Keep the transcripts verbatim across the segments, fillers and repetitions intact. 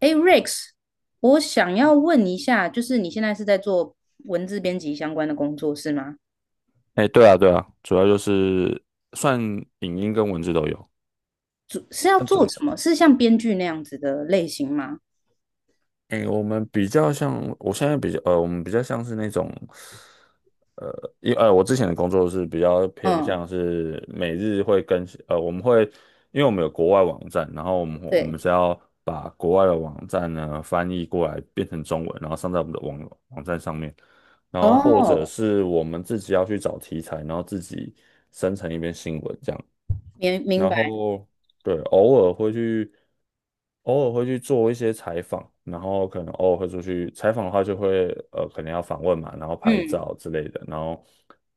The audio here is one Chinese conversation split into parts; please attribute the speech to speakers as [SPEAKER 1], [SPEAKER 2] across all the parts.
[SPEAKER 1] 哎，Rex，我想要问一下，就是你现在是在做文字编辑相关的工作是吗？
[SPEAKER 2] 哎，对啊，对啊，主要就是算影音跟文字都有。
[SPEAKER 1] 主是要
[SPEAKER 2] 那
[SPEAKER 1] 做
[SPEAKER 2] 主，
[SPEAKER 1] 什么？是像编剧那样子的类型吗？
[SPEAKER 2] 哎，我们比较像，我现在比较，呃，我们比较像是那种，呃，因呃，我之前的工作是比较偏
[SPEAKER 1] 嗯，
[SPEAKER 2] 向是每日会更新，呃，我们会，因为我们有国外网站，然后我们我们
[SPEAKER 1] 对。
[SPEAKER 2] 是要把国外的网站呢翻译过来变成中文，然后上在我们的网网站上面，然后或者
[SPEAKER 1] 哦，
[SPEAKER 2] 是我们自己要去找题材，然后自己生成一篇新闻这样。
[SPEAKER 1] 明明
[SPEAKER 2] 然
[SPEAKER 1] 白。
[SPEAKER 2] 后对，偶尔会去，偶尔会去做一些采访，然后可能偶尔会出去采访的话，就会呃，可能要访问嘛，然后拍
[SPEAKER 1] 嗯，
[SPEAKER 2] 照之类的，然后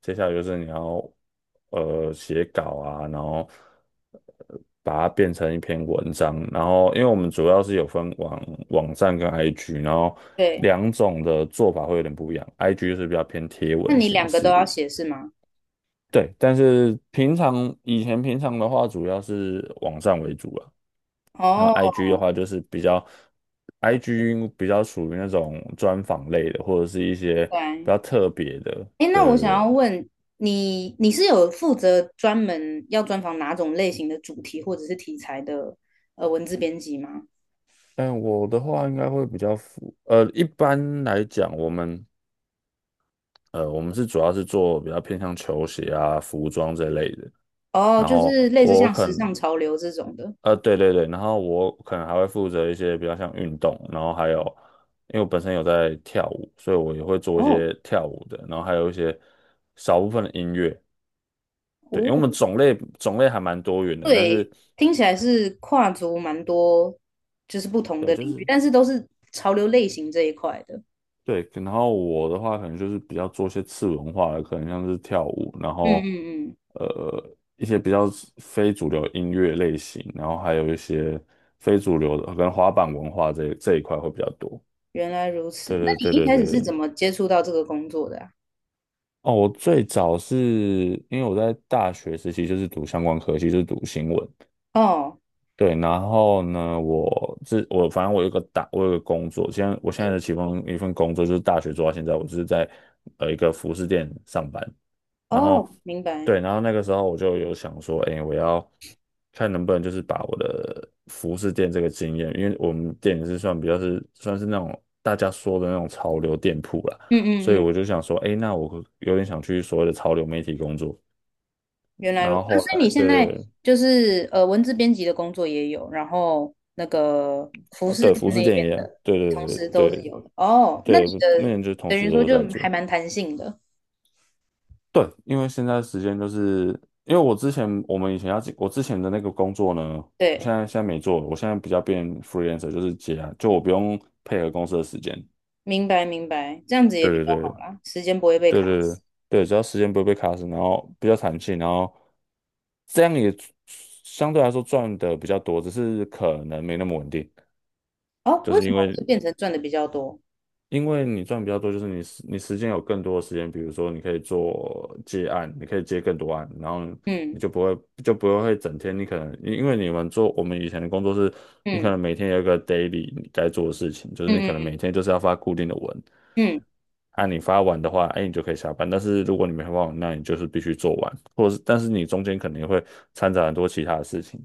[SPEAKER 2] 接下来就是你要呃写稿啊，然后呃把它变成一篇文章，然后因为我们主要是有分网网站跟 I G，然后
[SPEAKER 1] 对。
[SPEAKER 2] 两种的做法会有点不一样，I G 就是比较偏贴
[SPEAKER 1] 那
[SPEAKER 2] 文
[SPEAKER 1] 你
[SPEAKER 2] 形
[SPEAKER 1] 两个都
[SPEAKER 2] 式，
[SPEAKER 1] 要写是吗？
[SPEAKER 2] 对，但是平常以前平常的话，主要是网站为主了。然后
[SPEAKER 1] 哦，
[SPEAKER 2] I G 的话，就是比较 I G 比较属于那种专访类的，或者是一些
[SPEAKER 1] 明
[SPEAKER 2] 比
[SPEAKER 1] 白。
[SPEAKER 2] 较特别的。
[SPEAKER 1] 哎，那
[SPEAKER 2] 对对
[SPEAKER 1] 我想
[SPEAKER 2] 对。
[SPEAKER 1] 要问你，你是有负责专门要专访哪种类型的主题或者是题材的呃文字编辑吗？
[SPEAKER 2] 但我的话应该会比较符，呃，一般来讲，我们呃我们是主要是做比较偏向球鞋啊、服装这类的。
[SPEAKER 1] 哦，
[SPEAKER 2] 然
[SPEAKER 1] 就
[SPEAKER 2] 后
[SPEAKER 1] 是类似
[SPEAKER 2] 我
[SPEAKER 1] 像
[SPEAKER 2] 可
[SPEAKER 1] 时
[SPEAKER 2] 能
[SPEAKER 1] 尚潮流这种的。
[SPEAKER 2] 呃，对对对，然后我可能还会负责一些比较像运动，然后还有，因为我本身有在跳舞，所以我也会做一
[SPEAKER 1] 哦，
[SPEAKER 2] 些跳舞的，然后还有一些少部分的音乐，对，因
[SPEAKER 1] 哦，
[SPEAKER 2] 为我们种类种类还蛮多元的，但
[SPEAKER 1] 对，
[SPEAKER 2] 是
[SPEAKER 1] 听起来是跨足蛮多，就是不同
[SPEAKER 2] 对，
[SPEAKER 1] 的
[SPEAKER 2] 就
[SPEAKER 1] 领域，
[SPEAKER 2] 是
[SPEAKER 1] 但是都是潮流类型这一块的。
[SPEAKER 2] 对，然后我的话可能就是比较做一些次文化的，可能像是跳舞，然
[SPEAKER 1] 嗯
[SPEAKER 2] 后
[SPEAKER 1] 嗯嗯，
[SPEAKER 2] 呃一些比较非主流音乐类型，然后还有一些非主流的，跟能滑板文化这这一块会比较多，
[SPEAKER 1] 原来如此。
[SPEAKER 2] 对
[SPEAKER 1] 那
[SPEAKER 2] 对对
[SPEAKER 1] 你一开始
[SPEAKER 2] 对
[SPEAKER 1] 是
[SPEAKER 2] 对。
[SPEAKER 1] 怎么接触到这个工作的啊？
[SPEAKER 2] 哦，我最早是因为我在大学时期就是读相关科系，就是读新闻。
[SPEAKER 1] 哦，
[SPEAKER 2] 对，然后呢，我这我反正我有个打，我有个工作，现在我现在
[SPEAKER 1] 是，
[SPEAKER 2] 的其中一份工作就是大学做到现在，我就是在呃一个服饰店上班。然后
[SPEAKER 1] 哦，明白。
[SPEAKER 2] 对，然后那个时候我就有想说，哎，我要看能不能就是把我的服饰店这个经验，因为我们店也是算比较是算是那种大家说的那种潮流店铺啦，
[SPEAKER 1] 嗯
[SPEAKER 2] 所
[SPEAKER 1] 嗯
[SPEAKER 2] 以
[SPEAKER 1] 嗯，
[SPEAKER 2] 我就想说，哎，那我有点想去所谓的潮流媒体工作。
[SPEAKER 1] 原来
[SPEAKER 2] 然
[SPEAKER 1] 如
[SPEAKER 2] 后
[SPEAKER 1] 那
[SPEAKER 2] 后
[SPEAKER 1] 所以
[SPEAKER 2] 来，
[SPEAKER 1] 你
[SPEAKER 2] 对
[SPEAKER 1] 现
[SPEAKER 2] 对
[SPEAKER 1] 在
[SPEAKER 2] 对，
[SPEAKER 1] 就是呃，文字编辑的工作也有，然后那个服
[SPEAKER 2] 哦
[SPEAKER 1] 饰
[SPEAKER 2] 对，
[SPEAKER 1] 店
[SPEAKER 2] 服饰
[SPEAKER 1] 那
[SPEAKER 2] 店
[SPEAKER 1] 边
[SPEAKER 2] 也一样
[SPEAKER 1] 的，
[SPEAKER 2] 对
[SPEAKER 1] 同
[SPEAKER 2] 对
[SPEAKER 1] 时都
[SPEAKER 2] 对
[SPEAKER 1] 是有的。哦，那你
[SPEAKER 2] 对对，那
[SPEAKER 1] 的
[SPEAKER 2] 年就同
[SPEAKER 1] 等于
[SPEAKER 2] 时
[SPEAKER 1] 说
[SPEAKER 2] 都
[SPEAKER 1] 就
[SPEAKER 2] 在
[SPEAKER 1] 还
[SPEAKER 2] 做。
[SPEAKER 1] 蛮弹性的。
[SPEAKER 2] 对，因为现在时间就是，因为我之前我们以前要进我之前的那个工作呢，我现
[SPEAKER 1] 对。
[SPEAKER 2] 在现在没做了，我现在比较变 freelancer，就是接啊，就我不用配合公司的时间。
[SPEAKER 1] 明白明白，这样子也比
[SPEAKER 2] 对
[SPEAKER 1] 较
[SPEAKER 2] 对
[SPEAKER 1] 好
[SPEAKER 2] 对
[SPEAKER 1] 啦，时间不会被
[SPEAKER 2] 对
[SPEAKER 1] 卡
[SPEAKER 2] 对对
[SPEAKER 1] 死。
[SPEAKER 2] 对，只要时间不会被卡死，然后比较弹性，然后这样也相对来说赚的比较多，只是可能没那么稳定，
[SPEAKER 1] 哦，
[SPEAKER 2] 就
[SPEAKER 1] 为
[SPEAKER 2] 是
[SPEAKER 1] 什
[SPEAKER 2] 因
[SPEAKER 1] 么
[SPEAKER 2] 为
[SPEAKER 1] 会变成赚的比较多？
[SPEAKER 2] 因为你赚比较多，就是你时你时间有更多的时间，比如说你可以做接案，你可以接更多案，然后你
[SPEAKER 1] 嗯
[SPEAKER 2] 就不会就不会整天，你可能因因为你们做我们以前的工作是，你可
[SPEAKER 1] 嗯
[SPEAKER 2] 能每天有一个 daily 你该做的事情，就是
[SPEAKER 1] 嗯
[SPEAKER 2] 你可能每
[SPEAKER 1] 嗯
[SPEAKER 2] 天就是要发固定的文，
[SPEAKER 1] 嗯，嗯。
[SPEAKER 2] 啊，你发完的话，哎，你就可以下班。但是如果你没发完，那你就是必须做完，或者是但是你中间可能会掺杂很多其他的事情。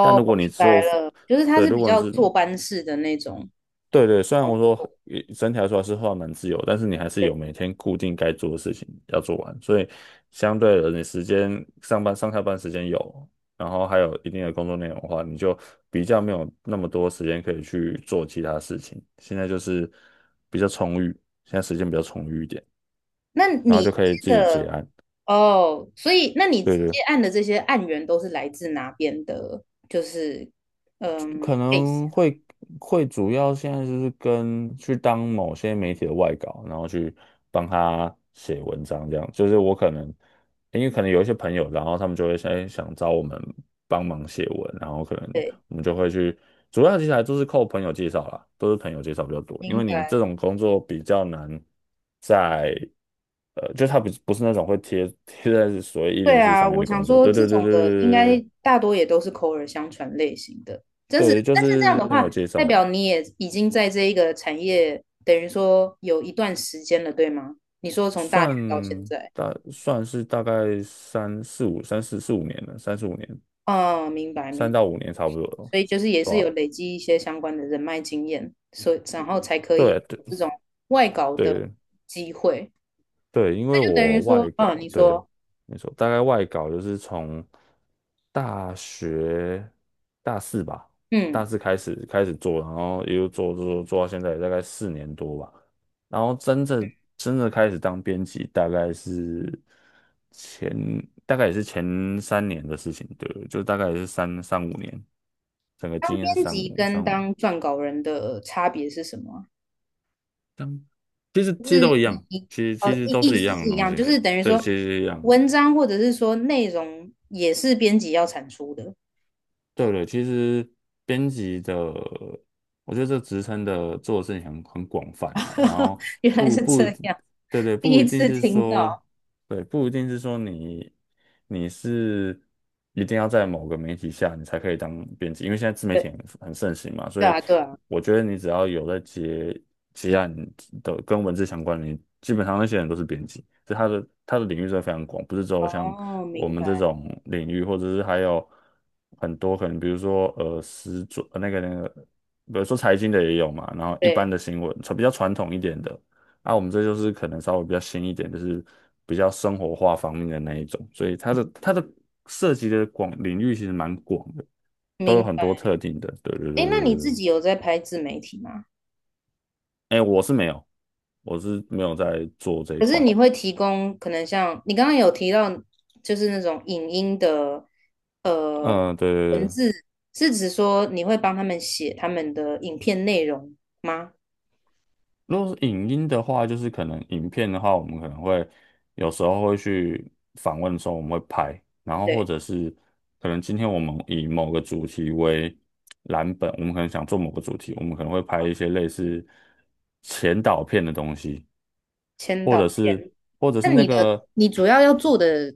[SPEAKER 2] 但如
[SPEAKER 1] 我
[SPEAKER 2] 果你
[SPEAKER 1] 明白
[SPEAKER 2] 做，
[SPEAKER 1] 了，就是他
[SPEAKER 2] 对，
[SPEAKER 1] 是
[SPEAKER 2] 如
[SPEAKER 1] 比
[SPEAKER 2] 果你
[SPEAKER 1] 较
[SPEAKER 2] 是
[SPEAKER 1] 坐班式的那种
[SPEAKER 2] 对对，虽然
[SPEAKER 1] 工
[SPEAKER 2] 我说
[SPEAKER 1] 作。
[SPEAKER 2] 也整体来说还是画蛮自由，但是你还是有
[SPEAKER 1] 对，
[SPEAKER 2] 每天固定该做的事情要做完，所以相对的，你时间上班上下班时间有，然后还有一定的工作内容的话，你就比较没有那么多时间可以去做其他事情。现在就是比较充裕，现在时间比较充裕一点，
[SPEAKER 1] 那
[SPEAKER 2] 然后
[SPEAKER 1] 你
[SPEAKER 2] 就可
[SPEAKER 1] 接
[SPEAKER 2] 以自己结
[SPEAKER 1] 的
[SPEAKER 2] 案。
[SPEAKER 1] 哦，所以那你
[SPEAKER 2] 对
[SPEAKER 1] 接
[SPEAKER 2] 对，
[SPEAKER 1] 案的这些案源都是来自哪边的？就是
[SPEAKER 2] 可
[SPEAKER 1] case，
[SPEAKER 2] 能会会主要现在就是跟去当某些媒体的外稿，然后去帮他写文章这样。就是我可能因为可能有一些朋友，然后他们就会想哎想找我们帮忙写文，然后可能
[SPEAKER 1] 对，
[SPEAKER 2] 我们就会去。主要其实还都是靠朋友介绍啦，都是朋友介绍比较多，因
[SPEAKER 1] 明
[SPEAKER 2] 为你这
[SPEAKER 1] 白。
[SPEAKER 2] 种工作比较难在。呃，就他不不是那种会贴贴在所谓一零
[SPEAKER 1] 对
[SPEAKER 2] 四
[SPEAKER 1] 啊，
[SPEAKER 2] 上面
[SPEAKER 1] 我
[SPEAKER 2] 的
[SPEAKER 1] 想
[SPEAKER 2] 工作，
[SPEAKER 1] 说
[SPEAKER 2] 对
[SPEAKER 1] 这
[SPEAKER 2] 对对
[SPEAKER 1] 种
[SPEAKER 2] 对
[SPEAKER 1] 的应
[SPEAKER 2] 对
[SPEAKER 1] 该大多也都是口耳相传类型的，真
[SPEAKER 2] 对，
[SPEAKER 1] 是。
[SPEAKER 2] 对，就
[SPEAKER 1] 但是这样
[SPEAKER 2] 是
[SPEAKER 1] 的
[SPEAKER 2] 朋
[SPEAKER 1] 话，
[SPEAKER 2] 友介
[SPEAKER 1] 代
[SPEAKER 2] 绍。
[SPEAKER 1] 表你也已经在这一个产业，等于说有一段时间了，对吗？你说从大学
[SPEAKER 2] 算
[SPEAKER 1] 到现在，
[SPEAKER 2] 大算是大概三四五三四四五年了，三四五年，
[SPEAKER 1] 嗯，明白明
[SPEAKER 2] 三
[SPEAKER 1] 白。
[SPEAKER 2] 到五年差不多了，
[SPEAKER 1] 所以就是也
[SPEAKER 2] 对
[SPEAKER 1] 是有
[SPEAKER 2] 吧、
[SPEAKER 1] 累积一些相关的人脉经验，所以然后才可以
[SPEAKER 2] 对对
[SPEAKER 1] 有这种外稿的
[SPEAKER 2] 对，
[SPEAKER 1] 机会。
[SPEAKER 2] 对，因
[SPEAKER 1] 那
[SPEAKER 2] 为
[SPEAKER 1] 就等于
[SPEAKER 2] 我
[SPEAKER 1] 说，
[SPEAKER 2] 外
[SPEAKER 1] 嗯，
[SPEAKER 2] 稿，
[SPEAKER 1] 你
[SPEAKER 2] 对，
[SPEAKER 1] 说，
[SPEAKER 2] 没错，大概外稿就是从大学大四吧，大
[SPEAKER 1] 嗯，
[SPEAKER 2] 四开始开始做，然后一路做做做做到现在，大概四年多吧。然后真正真正开始当编辑，大概是前大概也是前三年的事情，对，就大概也是三三五年，整个
[SPEAKER 1] 当
[SPEAKER 2] 经验是
[SPEAKER 1] 编
[SPEAKER 2] 三
[SPEAKER 1] 辑
[SPEAKER 2] 五
[SPEAKER 1] 跟
[SPEAKER 2] 三五，
[SPEAKER 1] 当撰稿人的差别是什么啊
[SPEAKER 2] 其实其
[SPEAKER 1] 就
[SPEAKER 2] 实
[SPEAKER 1] 是
[SPEAKER 2] 都一样，
[SPEAKER 1] 你
[SPEAKER 2] 其实其
[SPEAKER 1] 哦，
[SPEAKER 2] 实
[SPEAKER 1] 意
[SPEAKER 2] 都
[SPEAKER 1] 意
[SPEAKER 2] 是一
[SPEAKER 1] 思
[SPEAKER 2] 样
[SPEAKER 1] 是
[SPEAKER 2] 的
[SPEAKER 1] 一
[SPEAKER 2] 东
[SPEAKER 1] 样，就
[SPEAKER 2] 西，
[SPEAKER 1] 是等于
[SPEAKER 2] 对，
[SPEAKER 1] 说
[SPEAKER 2] 其实一样。
[SPEAKER 1] 文章或者是说内容也是编辑要产出的。
[SPEAKER 2] 对对，其实编辑的，我觉得这职称的做的事情很很广泛了，然后
[SPEAKER 1] 原来
[SPEAKER 2] 不
[SPEAKER 1] 是
[SPEAKER 2] 不
[SPEAKER 1] 这
[SPEAKER 2] 一定，
[SPEAKER 1] 样，
[SPEAKER 2] 对对，
[SPEAKER 1] 第
[SPEAKER 2] 不
[SPEAKER 1] 一
[SPEAKER 2] 一定
[SPEAKER 1] 次
[SPEAKER 2] 是
[SPEAKER 1] 听
[SPEAKER 2] 说
[SPEAKER 1] 到。
[SPEAKER 2] 对，不一定是说你你是一定要在某个媒体下你才可以当编辑，因为现在自媒体
[SPEAKER 1] 对，
[SPEAKER 2] 很很盛行嘛，所
[SPEAKER 1] 对
[SPEAKER 2] 以
[SPEAKER 1] 啊，对啊。
[SPEAKER 2] 我觉得你只要有在接接案的跟文字相关的，你基本上那些人都是编辑，就他的他的领域是非常广，不是只有像
[SPEAKER 1] 哦，
[SPEAKER 2] 我
[SPEAKER 1] 明
[SPEAKER 2] 们这
[SPEAKER 1] 白。
[SPEAKER 2] 种领域，或者是还有很多可能，比如说呃，时装呃那个那个，比如说财经的也有嘛，然后一般
[SPEAKER 1] 对，
[SPEAKER 2] 的新闻，比较传统一点的。啊，我们这就是可能稍微比较新一点，就是比较生活化方面的那一种，所以它的它的涉及的广领域其实蛮广的，都
[SPEAKER 1] 明
[SPEAKER 2] 有很多
[SPEAKER 1] 白。
[SPEAKER 2] 特定的。对对对
[SPEAKER 1] 哎，那你
[SPEAKER 2] 对
[SPEAKER 1] 自
[SPEAKER 2] 对，
[SPEAKER 1] 己有在拍自媒体吗？
[SPEAKER 2] 哎，我是没有，我是没有在做这一
[SPEAKER 1] 可是
[SPEAKER 2] 块。
[SPEAKER 1] 你会提供可能像你刚刚有提到，就是那种影音的呃
[SPEAKER 2] 嗯，对对
[SPEAKER 1] 文
[SPEAKER 2] 对，
[SPEAKER 1] 字，是指说你会帮他们写他们的影片内容吗？
[SPEAKER 2] 如果是影音的话，就是可能影片的话，我们可能会有时候会去访问的时候，我们会拍，然后或
[SPEAKER 1] 对。
[SPEAKER 2] 者是可能今天我们以某个主题为蓝本，我们可能想做某个主题，我们可能会拍一
[SPEAKER 1] 哦
[SPEAKER 2] 些类似前导片的东西，
[SPEAKER 1] 签
[SPEAKER 2] 或
[SPEAKER 1] 到
[SPEAKER 2] 者是
[SPEAKER 1] 片。
[SPEAKER 2] 或者是
[SPEAKER 1] 那
[SPEAKER 2] 那
[SPEAKER 1] 你
[SPEAKER 2] 个
[SPEAKER 1] 的你主要要做的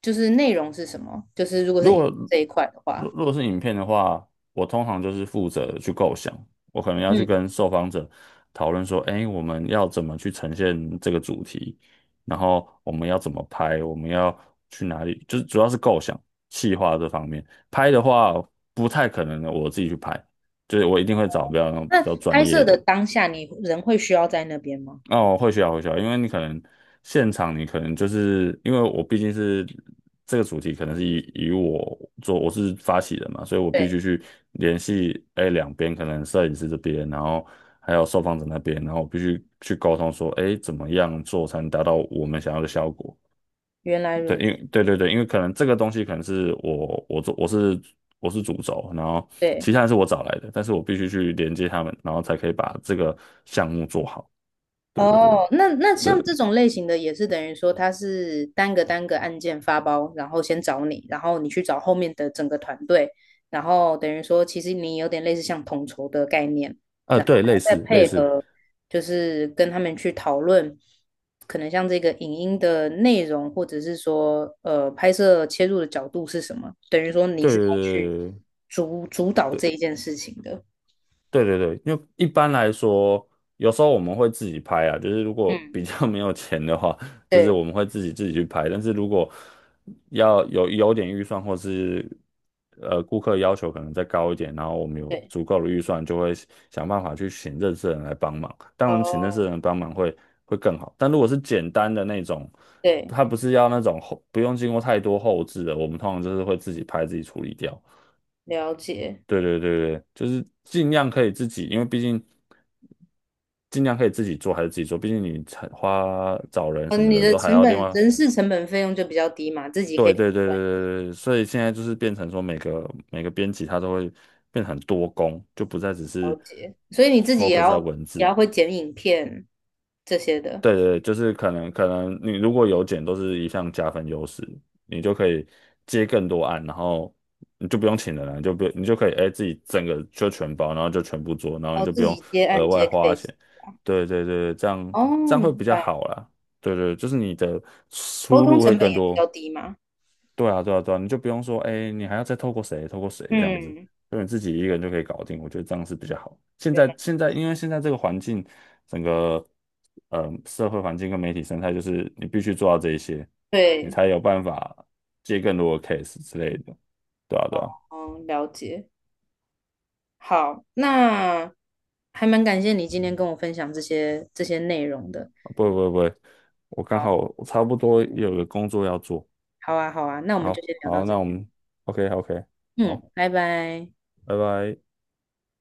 [SPEAKER 1] 就是内容是什么？就是如果是
[SPEAKER 2] 如
[SPEAKER 1] 影
[SPEAKER 2] 果
[SPEAKER 1] 这一块的
[SPEAKER 2] 如
[SPEAKER 1] 话，
[SPEAKER 2] 如果是影片的话，我通常就是负责去构想，我可能要去
[SPEAKER 1] 嗯，
[SPEAKER 2] 跟受访者讨论说，哎，我们要怎么去呈现这个主题，然后我们要怎么拍，我们要去哪里，就是主要是构想、企划这方面。拍的话，不太可能我自己去拍，就是我一定会找比较
[SPEAKER 1] 那
[SPEAKER 2] 比较专
[SPEAKER 1] 拍
[SPEAKER 2] 业
[SPEAKER 1] 摄的
[SPEAKER 2] 的。
[SPEAKER 1] 当下，你人会需要在那边吗？
[SPEAKER 2] 哦，会需要会需要，因为你可能现场你可能就是因为我毕竟是这个主题，可能是以以我做我是发起人嘛，所以我必
[SPEAKER 1] 对，
[SPEAKER 2] 须去联系哎两边，可能摄影师这边，然后还有受访者那边，然后我必须去沟通说，哎，怎么样做才能达到我们想要的效果？
[SPEAKER 1] 原来
[SPEAKER 2] 对，
[SPEAKER 1] 如
[SPEAKER 2] 因
[SPEAKER 1] 此，
[SPEAKER 2] 为对对对，因为可能这个东西可能是我我做我是我是主轴，然后
[SPEAKER 1] 对。
[SPEAKER 2] 其他人是我找来的，但是我必须去连接他们，然后才可以把这个项目做好。对对对。
[SPEAKER 1] 哦，那那
[SPEAKER 2] 对
[SPEAKER 1] 像这种类型的也是等于说，它是单个单个案件发包，然后先找你，然后你去找后面的整个团队，然后等于说，其实你有点类似像统筹的概念，
[SPEAKER 2] 呃，
[SPEAKER 1] 然后
[SPEAKER 2] 对，类
[SPEAKER 1] 还要再
[SPEAKER 2] 似类
[SPEAKER 1] 配
[SPEAKER 2] 似，
[SPEAKER 1] 合，就是跟他们去讨论，可能像这个影音的内容，或者是说，呃，拍摄切入的角度是什么，等于说你
[SPEAKER 2] 对
[SPEAKER 1] 是要去
[SPEAKER 2] 对
[SPEAKER 1] 主主导这
[SPEAKER 2] 对
[SPEAKER 1] 一件事情的。
[SPEAKER 2] 对对对对，因为一般来说，有时候我们会自己拍啊，就是如果
[SPEAKER 1] 嗯，
[SPEAKER 2] 比较没有钱的话，就是
[SPEAKER 1] 对
[SPEAKER 2] 我们会自己自己去拍，但是如果要有有点预算，或是呃顾客要求可能再高一点，然后我们有
[SPEAKER 1] 对，
[SPEAKER 2] 足够的预算，就会想办法去请认识的人来帮忙。当然，请认识
[SPEAKER 1] 哦，
[SPEAKER 2] 的人帮忙会会更好，但如果是简单的那种。
[SPEAKER 1] 对，
[SPEAKER 2] 它不是要那种后，不用经过太多后置的，我们通常就是会自己拍自己处理掉。
[SPEAKER 1] 了解。
[SPEAKER 2] 对对对对，就是尽量可以自己，因为毕竟尽量可以自己做还是自己做，毕竟你才花找人
[SPEAKER 1] 哦，
[SPEAKER 2] 什么
[SPEAKER 1] 你
[SPEAKER 2] 的
[SPEAKER 1] 的
[SPEAKER 2] 都还
[SPEAKER 1] 成
[SPEAKER 2] 要另
[SPEAKER 1] 本
[SPEAKER 2] 外。
[SPEAKER 1] 人事成本费用就比较低嘛，自己可以
[SPEAKER 2] 对对对对
[SPEAKER 1] 赚一点，
[SPEAKER 2] 对对，所以现在就是变成说每个每个编辑他都会变得很多工，就不再只
[SPEAKER 1] 了
[SPEAKER 2] 是
[SPEAKER 1] 解。所以你自己也
[SPEAKER 2] focus 在
[SPEAKER 1] 要
[SPEAKER 2] 文
[SPEAKER 1] 也
[SPEAKER 2] 字。
[SPEAKER 1] 要会剪影片这些的，
[SPEAKER 2] 对对对就是可能可能你如果有减都是一项加分优势，你就可以接更多案，然后你就不用请人了，你就不你就可以哎自己整个就全包，然后就全部做，然后你
[SPEAKER 1] 哦，
[SPEAKER 2] 就不
[SPEAKER 1] 自
[SPEAKER 2] 用
[SPEAKER 1] 己接
[SPEAKER 2] 额
[SPEAKER 1] 案
[SPEAKER 2] 外
[SPEAKER 1] 接
[SPEAKER 2] 花
[SPEAKER 1] case。
[SPEAKER 2] 钱。对对对，这样
[SPEAKER 1] 哦，
[SPEAKER 2] 这样会
[SPEAKER 1] 明
[SPEAKER 2] 比较
[SPEAKER 1] 白。
[SPEAKER 2] 好啦。对对，就是你的
[SPEAKER 1] 沟
[SPEAKER 2] 出
[SPEAKER 1] 通
[SPEAKER 2] 路会
[SPEAKER 1] 成本
[SPEAKER 2] 更
[SPEAKER 1] 也比较
[SPEAKER 2] 多。
[SPEAKER 1] 低嘛。
[SPEAKER 2] 对啊，对啊，对啊，你就不用说，哎，你还要再透过谁，透过谁这样子，
[SPEAKER 1] 嗯，
[SPEAKER 2] 就你自己一个人就可以搞定。我觉得这样是比较好。现
[SPEAKER 1] 原
[SPEAKER 2] 在
[SPEAKER 1] 来
[SPEAKER 2] 现在，因为现在这个环境，整个呃社会环境跟媒体生态，就是你必须做到这一些，你
[SPEAKER 1] 对，
[SPEAKER 2] 才有办法接更多的 case 之类的。对啊，对啊，
[SPEAKER 1] 哦，了解。好，那还蛮感谢你今天跟我分享这些这些内容的。
[SPEAKER 2] 啊不会不会不会，我刚
[SPEAKER 1] 好，
[SPEAKER 2] 好我差不多也有个工作要做。
[SPEAKER 1] 好啊，好啊，那我们就
[SPEAKER 2] 好，
[SPEAKER 1] 先聊到
[SPEAKER 2] 好，
[SPEAKER 1] 这
[SPEAKER 2] 那我
[SPEAKER 1] 边。
[SPEAKER 2] 们 OK OK，
[SPEAKER 1] 嗯，
[SPEAKER 2] 好，
[SPEAKER 1] 拜拜。
[SPEAKER 2] 拜拜。